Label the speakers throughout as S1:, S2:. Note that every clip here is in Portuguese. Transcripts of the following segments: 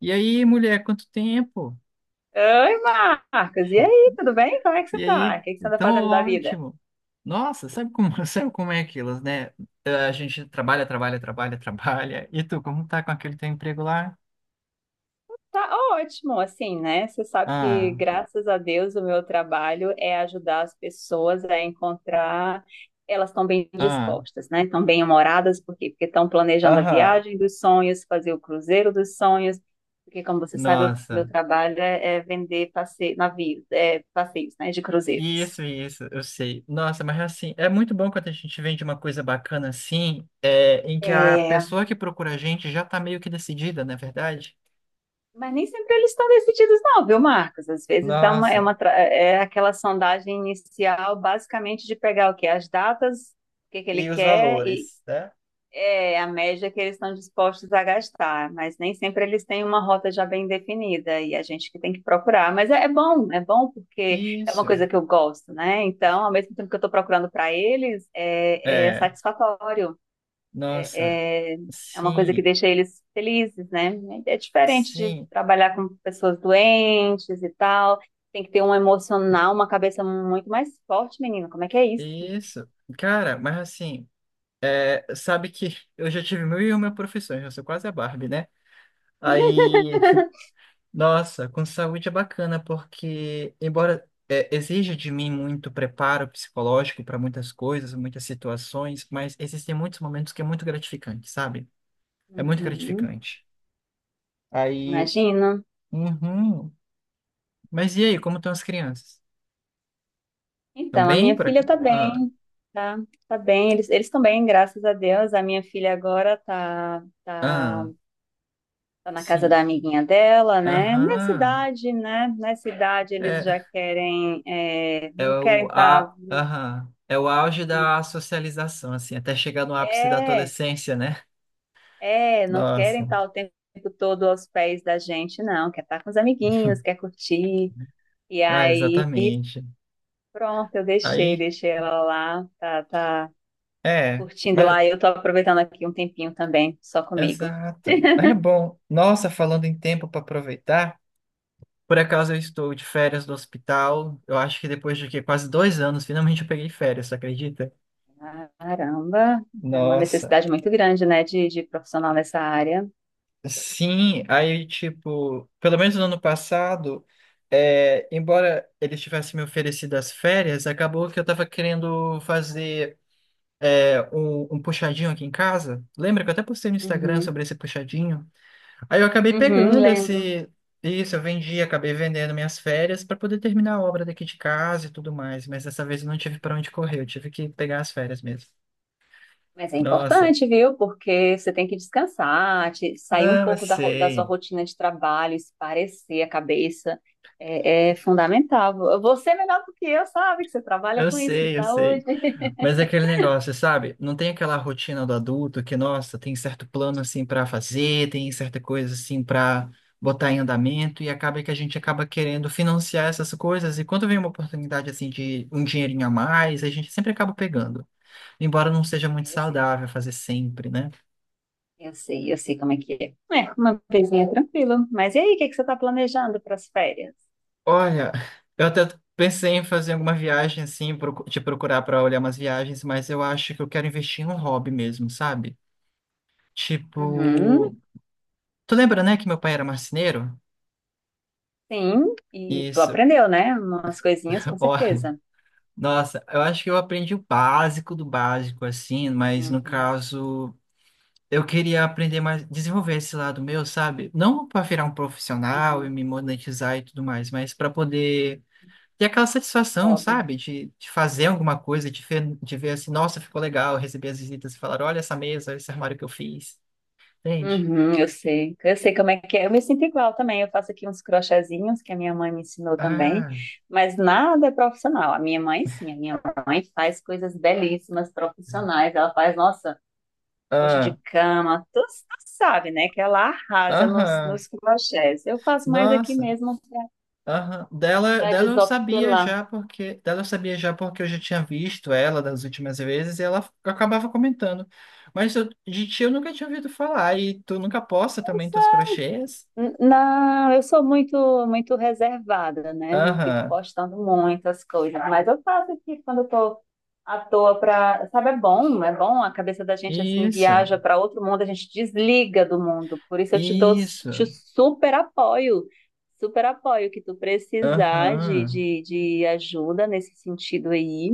S1: E aí, mulher, quanto tempo?
S2: Oi, Marcos. E aí, tudo bem? Como é que você
S1: E aí,
S2: tá? O que que você anda
S1: tão
S2: fazendo da vida?
S1: ótimo. Nossa, sabe como, sabe como é aquilo, né? A gente trabalha, trabalha, trabalha, trabalha. E tu, como tá com aquele teu emprego lá?
S2: Tá ótimo, assim, né? Você sabe que,
S1: Ah,
S2: graças a Deus, o meu trabalho é ajudar as pessoas a encontrar. Elas estão bem
S1: ah,
S2: dispostas, né? Estão bem humoradas, por quê? Porque estão planejando a
S1: aham.
S2: viagem dos sonhos, fazer o cruzeiro dos sonhos. Porque, como você sabe, o meu
S1: Nossa,
S2: trabalho é vender navios, passeios, né? De cruzeiros.
S1: isso, eu sei. Nossa, mas assim, é muito bom quando a gente vende uma coisa bacana assim, é, em que a pessoa que procura a gente já tá meio que decidida, não é verdade?
S2: Mas nem sempre eles estão decididos, não, viu, Marcos? Às vezes dá uma, é,
S1: Nossa,
S2: uma, é aquela sondagem inicial, basicamente, de pegar o quê? As datas, o que que ele
S1: e os
S2: quer e
S1: valores, né?
S2: a média que eles estão dispostos a gastar. Mas nem sempre eles têm uma rota já bem definida e a gente que tem que procurar. Mas é bom porque é uma
S1: Isso.
S2: coisa que eu gosto, né? Então, ao mesmo tempo que eu estou procurando para eles, é
S1: É,
S2: satisfatório.
S1: nossa.
S2: É, é uma coisa que
S1: Sim,
S2: deixa eles felizes, né? É diferente de
S1: sim,
S2: trabalhar com pessoas doentes e tal. Tem que ter um emocional, uma cabeça muito mais forte, menina. Como é que é isso?
S1: isso. Cara, mas assim, sabe que eu já tive mil e uma profissões, eu sou quase a Barbie, né? Aí, nossa, com saúde é bacana, porque embora exija de mim muito preparo psicológico para muitas coisas, muitas situações, mas existem muitos momentos que é muito gratificante, sabe? É muito
S2: Uhum,
S1: gratificante. Aí,
S2: imagina.
S1: uhum. Mas e aí, como estão as crianças? Estão
S2: Então, a
S1: bem
S2: minha
S1: por
S2: filha
S1: cá?
S2: tá
S1: Ah,
S2: bem, tá, tá bem. Eles estão bem, graças a Deus. A minha filha agora tá, tá,
S1: ah,
S2: tá na casa
S1: sim,
S2: da amiguinha dela, né? Nessa
S1: aham.
S2: idade, né? Nessa idade eles
S1: É,
S2: já querem, não querem estar. Tá,
S1: Aham, é o auge da socialização, assim, até chegar no ápice da
S2: é,
S1: adolescência, né?
S2: Não querem
S1: Nossa,
S2: estar o tempo todo aos pés da gente, não. Quer estar com os amiguinhos, quer curtir. E
S1: ah,
S2: aí,
S1: exatamente.
S2: pronto, eu deixei,
S1: Aí,
S2: deixei ela lá, tá, tá
S1: é,
S2: curtindo
S1: mas,
S2: lá. Eu tô aproveitando aqui um tempinho também, só comigo.
S1: exato, mas é bom. Nossa, falando em tempo para aproveitar, por acaso eu estou de férias do hospital, eu acho que depois quase dois anos, finalmente eu peguei férias, você acredita?
S2: Caramba, é uma
S1: Nossa.
S2: necessidade muito grande, né, de profissional nessa área.
S1: Sim, aí, tipo, pelo menos no ano passado, é, embora eles tivessem me oferecido as férias, acabou que eu tava querendo fazer um puxadinho aqui em casa. Lembra que eu até postei no Instagram
S2: Uhum,
S1: sobre esse puxadinho? Aí eu acabei
S2: uhum,
S1: pegando
S2: lembro.
S1: esse. Isso, eu vendi, acabei vendendo minhas férias para poder terminar a obra daqui de casa e tudo mais, mas dessa vez eu não tive para onde correr, eu tive que pegar as férias mesmo.
S2: Mas é
S1: Nossa,
S2: importante, viu? Porque você tem que descansar, sair um
S1: não, eu
S2: pouco da sua
S1: sei.
S2: rotina de trabalho, esparecer a cabeça. É fundamental. Você é melhor do que eu sabe que você trabalha
S1: Eu
S2: com isso, com
S1: sei, eu sei.
S2: saúde.
S1: Mas é aquele negócio, sabe? Não tem aquela rotina do adulto que, nossa, tem certo plano assim para fazer, tem certa coisa assim para botar em andamento e acaba que a gente acaba querendo financiar essas coisas e quando vem uma oportunidade assim de um dinheirinho a mais, a gente sempre acaba pegando. Embora não seja muito
S2: É, eu sei,
S1: saudável fazer sempre, né?
S2: eu sei, eu sei como é que é. É, uma coisinha tranquila. Mas e aí, o que é que você está planejando para as férias?
S1: Olha, eu até pensei em fazer alguma viagem assim, te procurar para olhar umas viagens, mas eu acho que eu quero investir em um hobby mesmo, sabe?
S2: Uhum,
S1: Tipo, tu lembra, né, que meu pai era marceneiro?
S2: sim, e tu
S1: Isso.
S2: aprendeu, né? Umas coisinhas, com
S1: Ó,
S2: certeza.
S1: nossa, eu acho que eu aprendi o básico do básico, assim, mas no
S2: Uhum,
S1: caso, eu queria aprender mais, desenvolver esse lado meu, sabe? Não para virar um profissional e
S2: uhum.
S1: me monetizar e tudo mais, mas para poder ter aquela satisfação,
S2: Óbvio.
S1: sabe? De fazer alguma coisa, de ver assim, nossa, ficou legal, receber as visitas e falar, olha essa mesa, esse armário que eu fiz, entende?
S2: Uhum, eu sei como é que é. Eu me sinto igual também. Eu faço aqui uns crochêzinhos que a minha mãe me ensinou também,
S1: Ah,
S2: mas nada é profissional. A minha mãe, sim, a minha mãe faz coisas belíssimas, profissionais. Ela faz, nossa, coxa
S1: ah,
S2: de cama, tu sabe, né? Que ela arrasa nos,
S1: aham,
S2: nos crochês. Eu faço mais aqui
S1: nossa.
S2: mesmo
S1: Aham. Dela,
S2: para
S1: dela eu sabia
S2: desopilar.
S1: já porque dela eu sabia já porque eu já tinha visto ela das últimas vezes e ela acabava comentando. Mas de ti eu nunca tinha ouvido falar e tu nunca posta também teus crochês?
S2: Não, eu sou muito, muito reservada, né? Eu não fico
S1: Aham.
S2: postando muitas coisas, mas eu faço aqui quando eu tô à toa pra, sabe, é bom, a cabeça da gente assim
S1: Isso.
S2: viaja para outro mundo, a gente desliga do mundo. Por isso eu te dou, te
S1: Isso.
S2: super apoio que tu precisar de,
S1: Aham.
S2: de, de ajuda nesse sentido aí.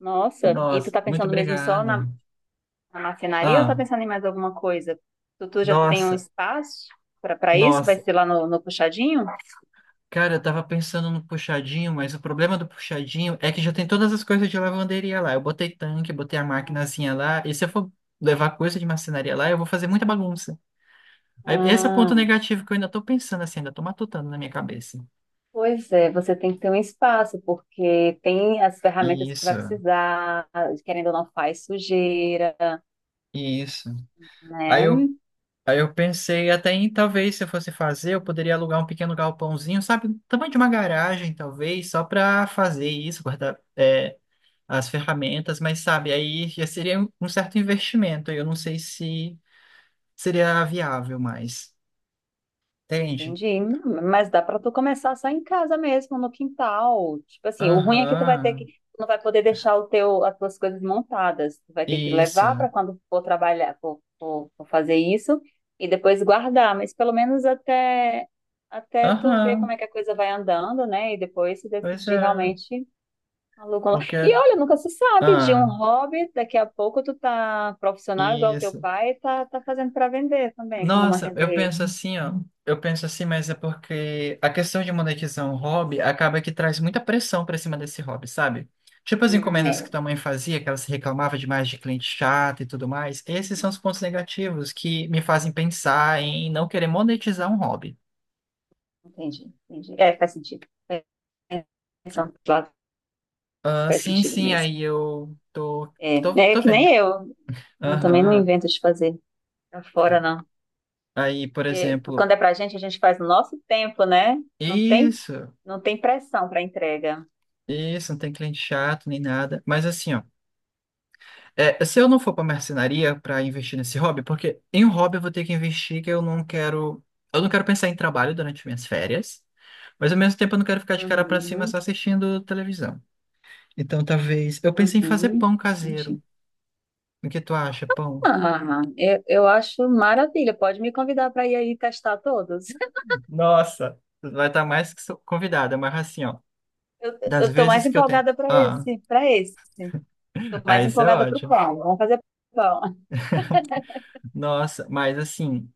S2: Nossa, e tu
S1: Nossa,
S2: tá
S1: muito
S2: pensando mesmo só na
S1: obrigado.
S2: na marcenaria ou tá
S1: Ah,
S2: pensando em mais alguma coisa? Tutu já tem um
S1: nossa,
S2: espaço para isso? Vai
S1: nossa.
S2: ser lá no puxadinho?
S1: Cara, eu tava pensando no puxadinho, mas o problema do puxadinho é que já tem todas as coisas de lavanderia lá. Eu botei tanque, botei a maquinazinha lá, e se eu for levar coisa de marcenaria lá, eu vou fazer muita bagunça. Aí, esse é o ponto
S2: Ah,
S1: negativo que eu ainda tô pensando assim, ainda tô matutando na minha cabeça.
S2: pois é, você tem que ter um espaço, porque tem as ferramentas que você vai
S1: Isso,
S2: precisar, querendo ou não faz sujeira,
S1: isso. Aí eu,
S2: né?
S1: aí eu pensei até em talvez se eu fosse fazer, eu poderia alugar um pequeno galpãozinho, sabe? Tamanho de uma garagem, talvez, só pra fazer isso, guardar. É, as ferramentas, mas sabe, aí já seria um certo investimento. Aí eu não sei se seria viável mais. Entende?
S2: Entendi. Não, mas dá pra tu começar só em casa mesmo, no quintal. Tipo assim, o ruim é que tu vai ter que,
S1: Aham,
S2: tu não vai poder deixar o teu, as tuas coisas montadas. Tu vai ter que levar
S1: isso.
S2: pra quando for trabalhar, for fazer isso e depois guardar. Mas pelo menos até tu ver como
S1: Aham,
S2: é que a coisa vai andando, né? E depois se
S1: pois
S2: decidir
S1: é.
S2: realmente aluga. E
S1: Porque.
S2: olha, nunca se sabe de
S1: Ah,
S2: um hobby. Daqui a pouco tu tá profissional igual teu
S1: isso.
S2: pai, e tá fazendo pra vender também, como uma
S1: Nossa,
S2: renda
S1: eu
S2: extra.
S1: penso assim, ó. Eu penso assim, mas é porque a questão de monetizar um hobby acaba que traz muita pressão pra cima desse hobby, sabe? Tipo as encomendas
S2: É.
S1: que tua mãe fazia, que ela se reclamava demais de cliente chato e tudo mais. Esses são os pontos negativos que me fazem pensar em não querer monetizar um hobby.
S2: Entendi, entendi. É, faz sentido. É, pensando por lado,
S1: Ah,
S2: faz
S1: sim,
S2: sentido
S1: sim,
S2: mesmo.
S1: aí eu tô,
S2: É,
S1: tô,
S2: né, é
S1: tô
S2: que
S1: vendo.
S2: nem eu. Eu também não
S1: Aham.
S2: invento de fazer pra fora, não.
S1: Aí, por
S2: Porque
S1: exemplo,
S2: quando é pra gente, a gente faz no nosso tempo, né? Não tem,
S1: isso,
S2: não tem pressão pra entrega.
S1: isso, não tem cliente chato nem nada. Mas assim, ó. É, se eu não for pra marcenaria pra investir nesse hobby, porque em um hobby eu vou ter que investir que eu não quero. Eu não quero pensar em trabalho durante minhas férias, mas ao mesmo tempo eu não quero ficar de cara pra cima
S2: Uhum,
S1: só assistindo televisão. Então talvez. Eu pensei em fazer
S2: uhum.
S1: pão
S2: Entendi.
S1: caseiro. O que tu acha, pão?
S2: Ah, eu acho maravilha. Pode me convidar para ir aí testar todos.
S1: Nossa, tu vai estar mais que convidada, mas assim, ó.
S2: Eu,
S1: Das
S2: eu tô mais
S1: vezes que eu tento.
S2: empolgada para
S1: Ah,
S2: esse, para esse. Tô
S1: ah,
S2: mais
S1: isso é
S2: empolgada pro
S1: ótimo.
S2: pão. Vamos fazer pão.
S1: Nossa, mas assim.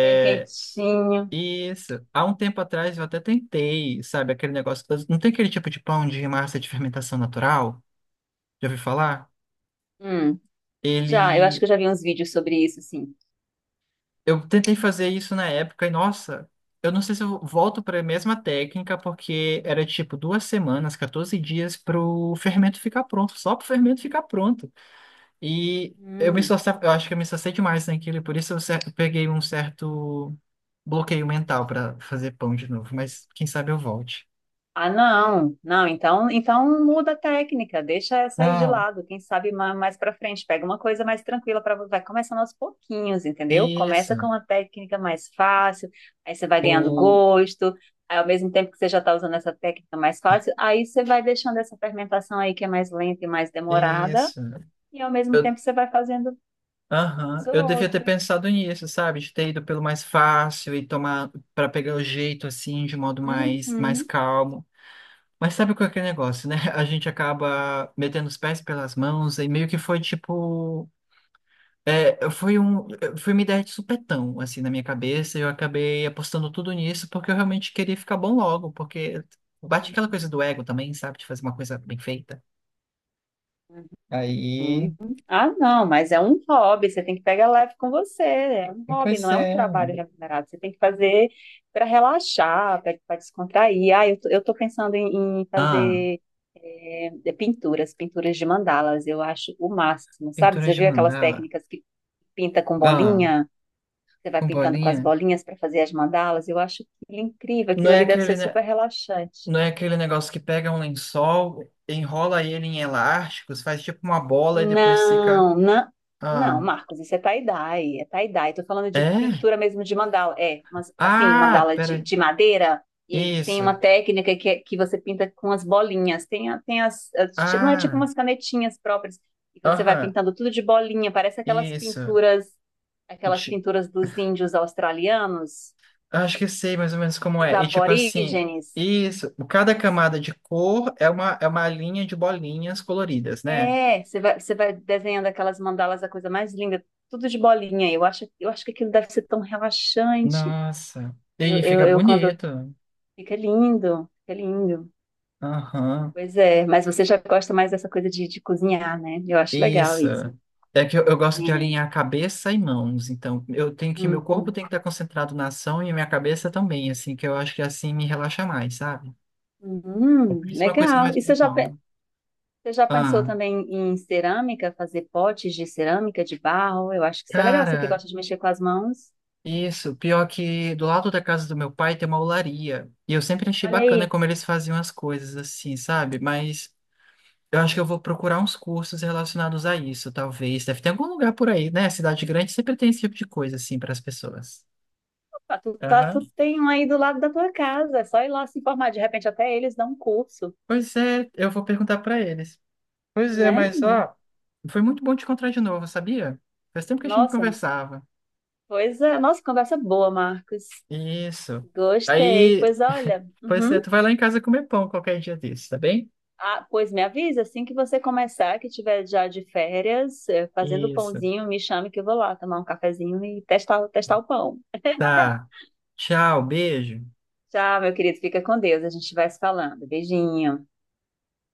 S2: Bem quentinho.
S1: isso. Há um tempo atrás eu até tentei, sabe, aquele negócio. Não tem aquele tipo de pão de massa de fermentação natural? Já ouviu falar?
S2: Hum. Já, eu acho
S1: Ele.
S2: que eu já vi uns vídeos sobre isso, sim.
S1: Eu tentei fazer isso na época e, nossa, eu não sei se eu volto para a mesma técnica, porque era tipo duas semanas, 14 dias pro fermento ficar pronto, só pro fermento ficar pronto. E eu me
S2: Hum.
S1: esforçava, eu acho que eu me esforcei demais naquilo, e por isso eu peguei um certo bloqueio mental para fazer pão de novo, mas quem sabe eu volte.
S2: Ah, não, não, então muda a técnica, deixa essa aí de
S1: Ah.
S2: lado, quem sabe mais pra frente, pega uma coisa mais tranquila para vai começando aos pouquinhos, entendeu? Começa com
S1: Isso.
S2: uma técnica mais fácil, aí você vai ganhando
S1: O...
S2: gosto, aí ao mesmo tempo que você já tá usando essa técnica mais fácil, aí você vai deixando essa fermentação aí que é mais lenta e mais demorada,
S1: Isso.
S2: e ao mesmo
S1: Eu...
S2: tempo você vai fazendo
S1: Aham.
S2: as
S1: Eu devia ter
S2: outras.
S1: pensado nisso, sabe? De ter ido pelo mais fácil e tomar para pegar o jeito assim, de modo mais, mais
S2: Uhum.
S1: calmo. Mas sabe qual é aquele negócio, né? A gente acaba metendo os pés pelas mãos e meio que foi tipo. É, foi um, foi uma ideia de supetão, assim, na minha cabeça, e eu acabei apostando tudo nisso porque eu realmente queria ficar bom logo, porque bate aquela coisa do ego também, sabe? De fazer uma coisa bem feita. Aí,
S2: Uhum. Ah, não, mas é um hobby, você tem que pegar leve com você, é um hobby,
S1: pois
S2: não é um
S1: é.
S2: trabalho remunerado, você tem que fazer para relaxar, para descontrair. Ah, eu tô, eu tô pensando em
S1: Ah,
S2: fazer de pinturas, pinturas de mandalas, eu acho o máximo, sabe?
S1: pintura
S2: Você já
S1: de
S2: viu aquelas
S1: mandala.
S2: técnicas que pinta com
S1: Ah,
S2: bolinha? Você vai
S1: com
S2: pintando com as
S1: bolinha.
S2: bolinhas para fazer as mandalas, eu acho aquilo incrível,
S1: Não
S2: aquilo
S1: é
S2: ali deve
S1: aquele,
S2: ser
S1: ne-
S2: super relaxante.
S1: não é aquele negócio que pega um lençol, enrola ele em elásticos, faz tipo uma bola e depois fica.
S2: Não, não, não,
S1: Ah,
S2: Marcos, isso é tie-dye, é tie-dye. Tô falando de
S1: é?
S2: pintura mesmo de mandala, mas assim,
S1: Ah,
S2: mandala
S1: pera.
S2: de madeira, e aí tem uma
S1: Isso.
S2: técnica que você pinta com as bolinhas, tem, a- tem as, as- ti- não é tipo
S1: Ah,
S2: umas canetinhas próprias, e você vai
S1: aham,
S2: pintando tudo de bolinha, parece aquelas
S1: isso.
S2: pinturas, aquelas
S1: Ti-
S2: pinturas dos índios australianos,
S1: Acho que sei mais ou menos como
S2: dos
S1: é. E tipo assim,
S2: aborígenes.
S1: isso. Cada camada de cor é uma linha de bolinhas coloridas, né?
S2: É, você vai desenhando aquelas mandalas, a coisa mais linda, tudo de bolinha. Eu acho que aquilo deve ser tão relaxante.
S1: Nossa. E
S2: Eu,
S1: aí
S2: eu,
S1: fica
S2: eu quando
S1: bonito.
S2: fica lindo, fica lindo.
S1: Aham.
S2: Pois é, mas você já gosta mais dessa coisa de cozinhar, né? Eu acho legal
S1: Isso.
S2: isso.
S1: É que eu gosto de
S2: É.
S1: alinhar cabeça e mãos, então eu tenho que meu corpo
S2: Uhum.
S1: tem que estar concentrado na ação e a minha cabeça também, assim, que eu acho que assim me relaxa mais, sabe? É
S2: Uhum,
S1: por isso uma coisa
S2: legal.
S1: mais
S2: E você já,
S1: mental.
S2: pe- você já pensou
S1: Ah,
S2: também em cerâmica, fazer potes de cerâmica, de barro? Eu acho que isso é legal, você que
S1: cara,
S2: gosta de mexer com as mãos.
S1: isso, pior que do lado da casa do meu pai tem uma olaria, e eu sempre achei
S2: Olha
S1: bacana
S2: aí.
S1: como eles faziam as coisas assim, sabe? Mas eu acho que eu vou procurar uns cursos relacionados a isso, talvez. Deve ter algum lugar por aí, né? Cidade grande sempre tem esse tipo de coisa assim para as pessoas.
S2: Ah, Tu, tá,
S1: Aham.
S2: tu tem um aí do lado da tua casa, é só ir lá se informar. De repente, até eles dão um curso,
S1: Pois é, eu vou perguntar pra eles. Pois é,
S2: né?
S1: mas ó, foi muito bom te encontrar de novo, sabia? Faz tempo que a gente não
S2: Nossa,
S1: conversava.
S2: pois é. Nossa, conversa boa, Marcos.
S1: Isso.
S2: Gostei.
S1: Aí,
S2: Pois olha,
S1: pois é,
S2: uhum.
S1: tu vai lá em casa comer pão qualquer dia desses, tá bem?
S2: Ah, pois me avisa assim que você começar, que tiver já de férias, fazendo
S1: Isso.
S2: pãozinho, me chame que eu vou lá tomar um cafezinho e testar o pão.
S1: Tá. Tchau, beijo.
S2: Tchau, meu querido. Fica com Deus. A gente vai se falando. Beijinho.